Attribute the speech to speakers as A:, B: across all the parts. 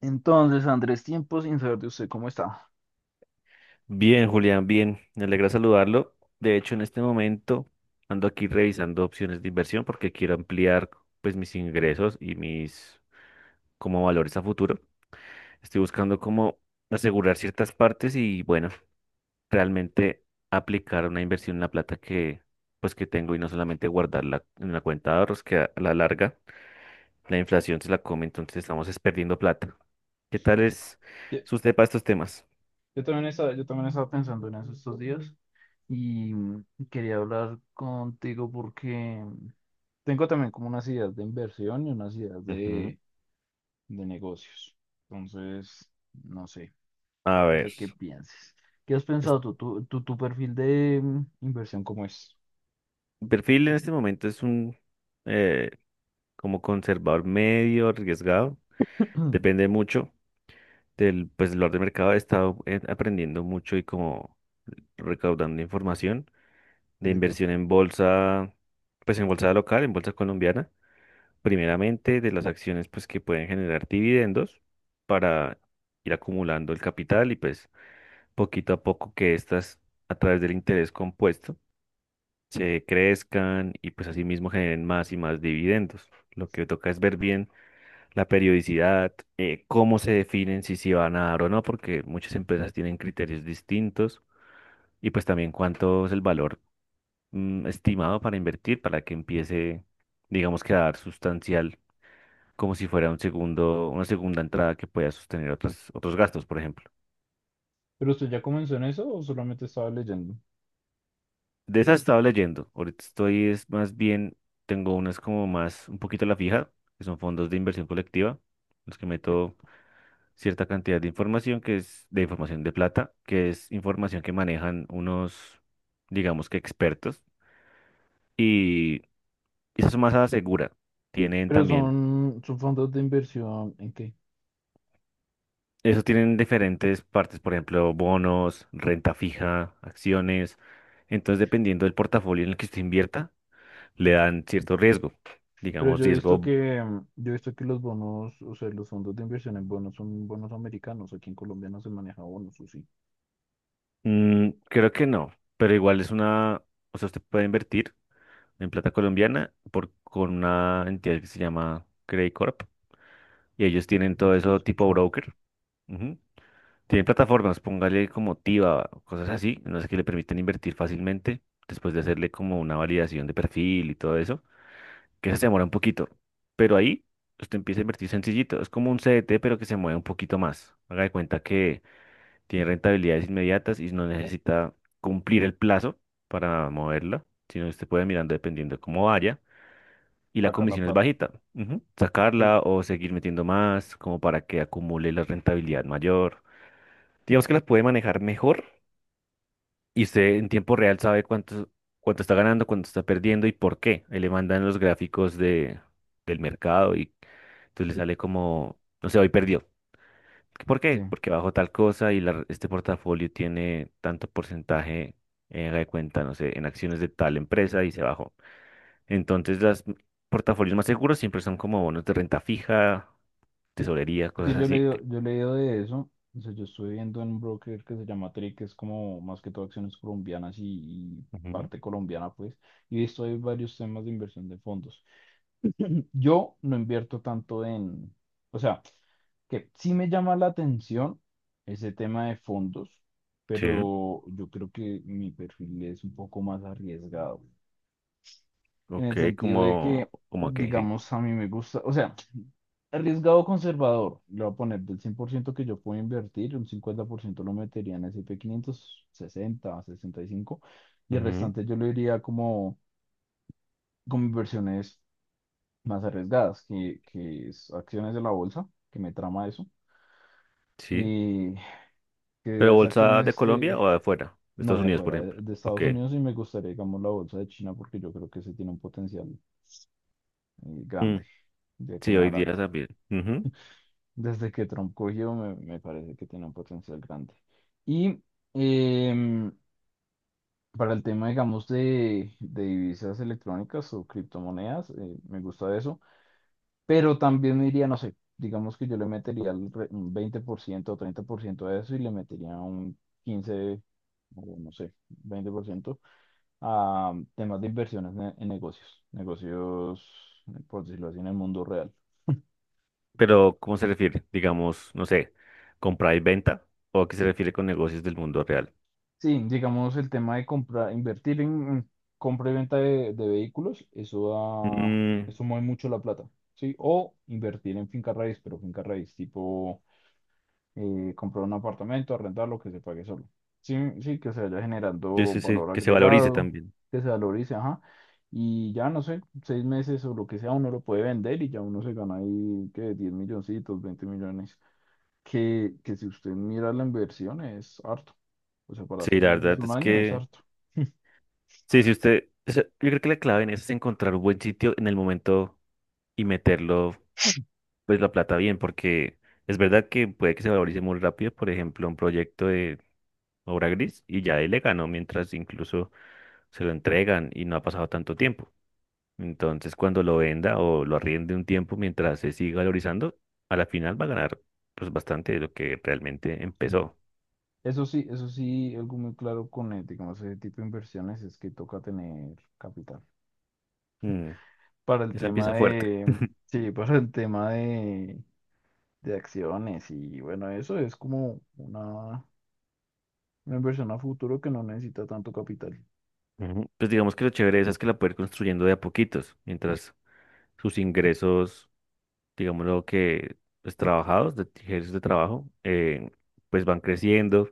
A: Entonces, Andrés, tiempo sin saber de usted, ¿cómo está?
B: Bien, Julián, bien. Me alegra saludarlo. De hecho, en este momento ando aquí revisando opciones de inversión porque quiero ampliar pues mis ingresos y mis como valores a futuro. Estoy buscando cómo asegurar ciertas partes y bueno, realmente aplicar una inversión en la plata que pues que tengo y no solamente guardarla en una cuenta de ahorros que a la larga la inflación se la come, entonces estamos es perdiendo plata. ¿Qué tal es
A: Yo,
B: su usted para estos temas?
A: yo también estaba pensando en eso estos días y quería hablar contigo porque tengo también como unas ideas de inversión y unas ideas
B: Ujú.
A: de negocios. Entonces, no sé,
B: A
A: no
B: ver.
A: sé qué pienses. ¿Qué has pensado tú? ¿Tu perfil de inversión cómo es?
B: Mi perfil en este momento es un eh, como conservador medio arriesgado. Depende mucho del pues, valor de mercado. He estado aprendiendo mucho y como recaudando información de
A: ¿De qué?
B: inversión en bolsa, pues en bolsa local, en bolsa colombiana. Primeramente de las acciones pues que pueden generar dividendos para ir acumulando el capital y pues poquito a poco que estas a través del interés compuesto se crezcan y pues asimismo generen más y más dividendos. Lo que toca es ver bien la periodicidad, cómo se definen si se van a dar o no, porque muchas empresas tienen criterios distintos y pues también cuánto es el valor estimado para invertir para que empiece, digamos que a dar sustancial, como si fuera un segundo, una segunda entrada que pueda sostener otros gastos, por ejemplo.
A: ¿Pero usted ya comenzó en eso o solamente estaba leyendo?
B: De esas estaba leyendo. Ahorita estoy, es más bien, tengo unas como más, un poquito a la fija, que son fondos de inversión colectiva, los que
A: Eh,
B: meto cierta cantidad de información, que es de información de plata, que es información que manejan unos, digamos que expertos, y esas son más a la segura. Tienen
A: ¿Pero
B: también,
A: son fondos de inversión en qué?
B: eso tienen diferentes partes, por ejemplo, bonos, renta fija, acciones. Entonces, dependiendo del portafolio en el que usted invierta, le dan cierto riesgo
A: Pero
B: digamos, riesgo.
A: yo he visto que los bonos, o sea, los fondos de inversión en bonos son bonos americanos. Aquí en Colombia no se maneja bonos, o sí.
B: Mm, creo que no, pero igual es una, o sea, usted puede invertir en plata colombiana por, con una entidad que se llama Credicorp y ellos tienen
A: No
B: todo
A: sé, yo he
B: eso tipo
A: escuchado
B: broker. Ujú. Tienen plataformas, póngale como Tiva, cosas así, no sé, que le permiten invertir fácilmente después de hacerle como una validación de perfil y todo eso, que eso se demora un poquito, pero ahí usted empieza a invertir sencillito, es como un CDT pero que se mueve un poquito más. Haga de cuenta que tiene rentabilidades inmediatas y no necesita cumplir el plazo para moverla, sino que usted puede mirando dependiendo de cómo vaya. Y la
A: sacar la
B: comisión es
A: plata.
B: bajita. Ujú.
A: Pero-
B: Sacarla o seguir metiendo más, como para que acumule la rentabilidad mayor. Digamos que las puede manejar mejor y usted en tiempo real sabe cuánto, cuánto está ganando, cuánto está perdiendo y por qué. Ahí le mandan los gráficos de, del mercado y entonces le sale como, no sé, hoy perdió. ¿Por qué?
A: sí.
B: Porque bajo tal cosa y este portafolio tiene tanto porcentaje, haga de cuenta, no sé, en acciones de tal empresa y se bajó. Entonces, los portafolios más seguros siempre son como bonos de renta fija, tesorería,
A: Es que
B: cosas así. Que-
A: yo he leído de eso. O sea, yo estoy viendo en un broker que se llama Trade, que es como más que todo acciones colombianas y
B: Ujú.
A: parte colombiana, pues. Y he visto ahí varios temas de inversión de fondos. Yo no invierto tanto en, o sea, que sí me llama la atención ese tema de fondos,
B: Sí,
A: pero yo creo que mi perfil es un poco más arriesgado, en el
B: ok,
A: sentido de
B: como,
A: que,
B: como que sí.
A: digamos, a mí me gusta, o sea, arriesgado conservador, le voy a poner del 100% que yo puedo invertir, un 50% lo metería en S y P S&P sesenta 60, 65, y el
B: Ujú.
A: restante yo lo diría como, como inversiones más arriesgadas, que es acciones de la bolsa, que me trama eso.
B: Sí.
A: Y que
B: ¿Pero
A: esas
B: bolsa de
A: acciones de,
B: Colombia o de afuera? De
A: no,
B: Estados
A: de
B: Unidos, por
A: afuera, de,
B: ejemplo.
A: de
B: Ok.
A: Estados Unidos y me gustaría, digamos, la bolsa de China porque yo creo que ese tiene un potencial
B: Mm.
A: grande de aquí
B: Sí,
A: en
B: hoy día
A: adelante.
B: también. Ujú.
A: Desde que Trump cogió, me parece que tiene un potencial grande. Y em, para el tema, digamos, de divisas electrónicas o criptomonedas, me gusta eso, pero también me iría, no sé, digamos que yo le metería un 20% o 30% de eso y le metería un 15 o no sé, 20% a temas de inversiones en negocios, negocios, por decirlo así, en el mundo real.
B: Pero, ¿cómo se refiere? Digamos, no sé, compra y venta, o a qué se refiere con negocios del mundo real.
A: Sí, digamos el tema de comprar, invertir en compra y venta de vehículos, eso da,
B: Mm,
A: eso mueve mucho la plata, ¿sí? O invertir en finca raíz, pero finca raíz tipo comprar un apartamento, arrendarlo, que se pague solo. Sí, sí, que se vaya
B: sí,
A: generando
B: sí, sí,
A: valor
B: que se valorice
A: agregado,
B: también.
A: que se valorice, ajá. Y ya no sé, 6 meses o lo que sea, uno lo puede vender y ya uno se gana ahí que 10 milloncitos, 20 millones. Que si usted mira la inversión es harto. O sea, para
B: Sí,
A: seis
B: la
A: meses,
B: verdad
A: un
B: es
A: año es
B: que,
A: harto.
B: sí, sí, usted, o sea, yo creo que la clave en eso es encontrar un buen sitio en el momento y meterlo, pues, la plata bien, porque es verdad que puede que se valorice muy rápido, por ejemplo, un proyecto de obra gris y ya él le ganó mientras incluso se lo entregan y no ha pasado tanto tiempo. Entonces, cuando lo venda o lo arriende un tiempo mientras se siga valorizando, a la final va a ganar pues bastante de lo que realmente
A: Sí.
B: empezó.
A: Eso sí, algo muy claro con digamos, ese tipo de inversiones es que toca tener capital.
B: Mm,
A: Para el
B: esa
A: tema
B: empieza fuerte.
A: de, Sí, para el tema de acciones y bueno, eso es como una inversión a futuro que no necesita tanto capital.
B: Ujú. Pues digamos que lo chévere de esa es que la puede ir construyendo de a poquitos, mientras sus ingresos, digamos lo que pues, trabajados, de ingresos de trabajo, pues van creciendo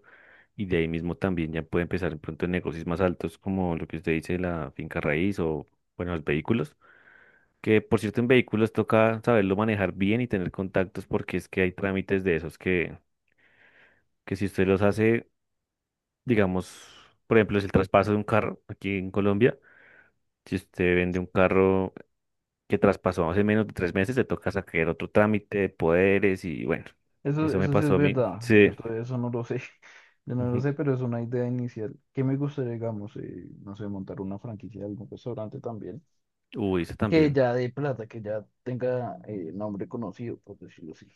B: y de ahí mismo también ya puede empezar de pronto en negocios más altos como lo que usted dice, la finca raíz o, bueno, los vehículos. Que por cierto, en vehículos toca saberlo manejar bien y tener contactos porque es que hay trámites de esos que si usted los hace, digamos, por ejemplo, es el traspaso de un carro aquí en Colombia. Si usted vende un carro que traspasó hace menos de 3 meses, le toca sacar otro trámite de poderes y bueno,
A: Eso,
B: eso me
A: eso sí es
B: pasó a mí.
A: verdad,
B: Sí.
A: yo todavía eso no lo sé, yo no lo
B: Ujú.
A: sé, pero es una idea inicial. Que me gustaría, digamos, no sé, montar una franquicia de algún restaurante también,
B: Uy, eso
A: que
B: también.
A: ya dé plata, que ya tenga nombre conocido, por decirlo así.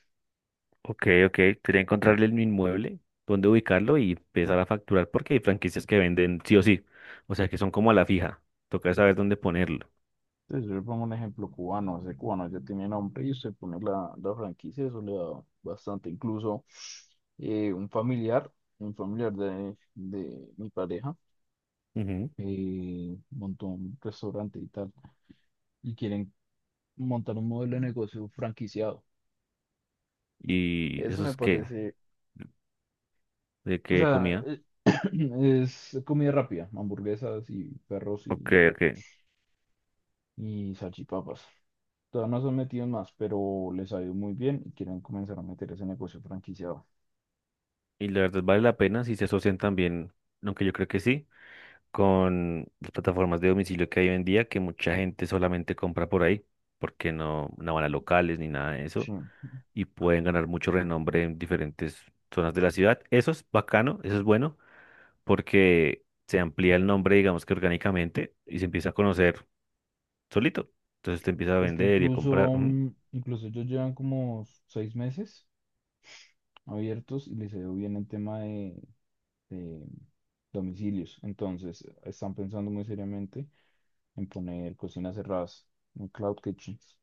B: Ok, ok. Quería encontrarle el inmueble, dónde ubicarlo y empezar a facturar porque hay franquicias que venden sí o sí. O sea que son como a la fija. Toca saber dónde ponerlo.
A: Entonces, yo le pongo un ejemplo cubano, ese cubano ya tiene nombre y usted pone la franquicia, eso le da bastante. Incluso eh, un familiar, un familiar de mi pareja, montó un restaurante y tal, y quieren montar un modelo de negocio franquiciado.
B: ¿Y
A: Eso
B: eso
A: me
B: es qué?
A: parece,
B: ¿De
A: o
B: qué
A: sea,
B: comida?
A: es comida rápida, hamburguesas y perros
B: Ok,
A: y,
B: ok.
A: y salchipapas. Todavía no se han metido en más, pero les ha ido muy bien y quieren comenzar a meter ese negocio franquiciado.
B: Y la verdad vale la pena si se asocian también, aunque yo creo que sí, con las plataformas de domicilio que hay hoy en día, que mucha gente solamente compra por ahí, porque no, no van a locales ni nada de
A: Sí.
B: eso, y pueden ganar mucho renombre en diferentes zonas de la ciudad. Eso es bacano, eso es bueno, porque se amplía el nombre, digamos que orgánicamente, y se empieza a conocer solito. Entonces te empieza a
A: Es que
B: vender y a comprar.
A: incluso ellos llevan como 6 meses abiertos y les ha ido bien el tema de domicilios. Entonces, están pensando muy seriamente en poner cocinas cerradas, en cloud kitchens.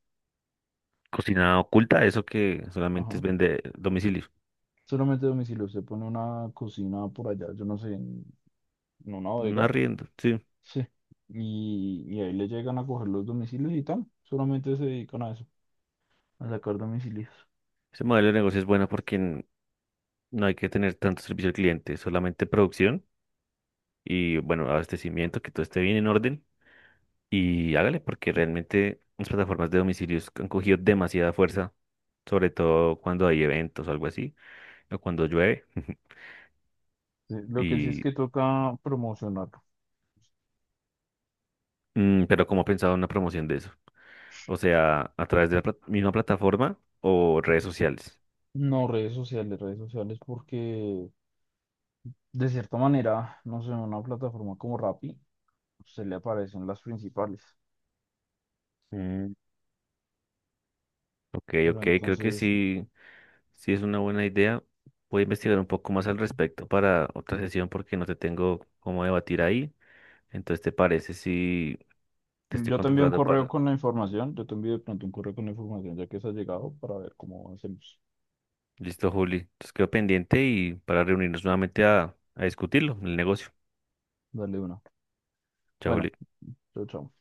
B: Cocina oculta, eso que solamente es
A: Ajá.
B: vender domicilio.
A: Solamente domicilio. Usted pone una cocina por allá, yo no sé, en una
B: Un
A: bodega.
B: arriendo sí.
A: Sí. Y ahí le llegan a coger los domicilios y tal. Solamente se dedican a eso, a sacar domicilios.
B: Ese modelo de negocio es bueno porque no hay que tener tanto servicio al cliente, solamente producción y, bueno, abastecimiento, que todo esté bien en orden. Y hágale, porque realmente las plataformas de domicilios han cogido demasiada fuerza, sobre todo cuando hay eventos o algo así, o cuando llueve.
A: Sí, lo que sí es
B: Y,
A: que toca promocionar.
B: pero ¿cómo ha pensado una promoción de eso? O sea, a través de la misma plataforma o redes sociales.
A: No, redes sociales, porque de cierta manera, no sé, una plataforma como Rappi, se le aparecen las principales.
B: Ok,
A: Pero
B: ok, creo que
A: entonces,
B: sí, sí es una buena idea. Voy a investigar un poco más al respecto para otra sesión porque no te tengo cómo debatir ahí. Entonces, ¿te parece si te estoy contratando para...
A: yo te envío de pronto un correo con la información, ya que se ha llegado, para ver cómo hacemos.
B: Listo, Juli. Entonces quedo pendiente y para reunirnos nuevamente a discutirlo, el negocio.
A: Dale una.
B: Chao, Juli.
A: Bueno, chao, chao.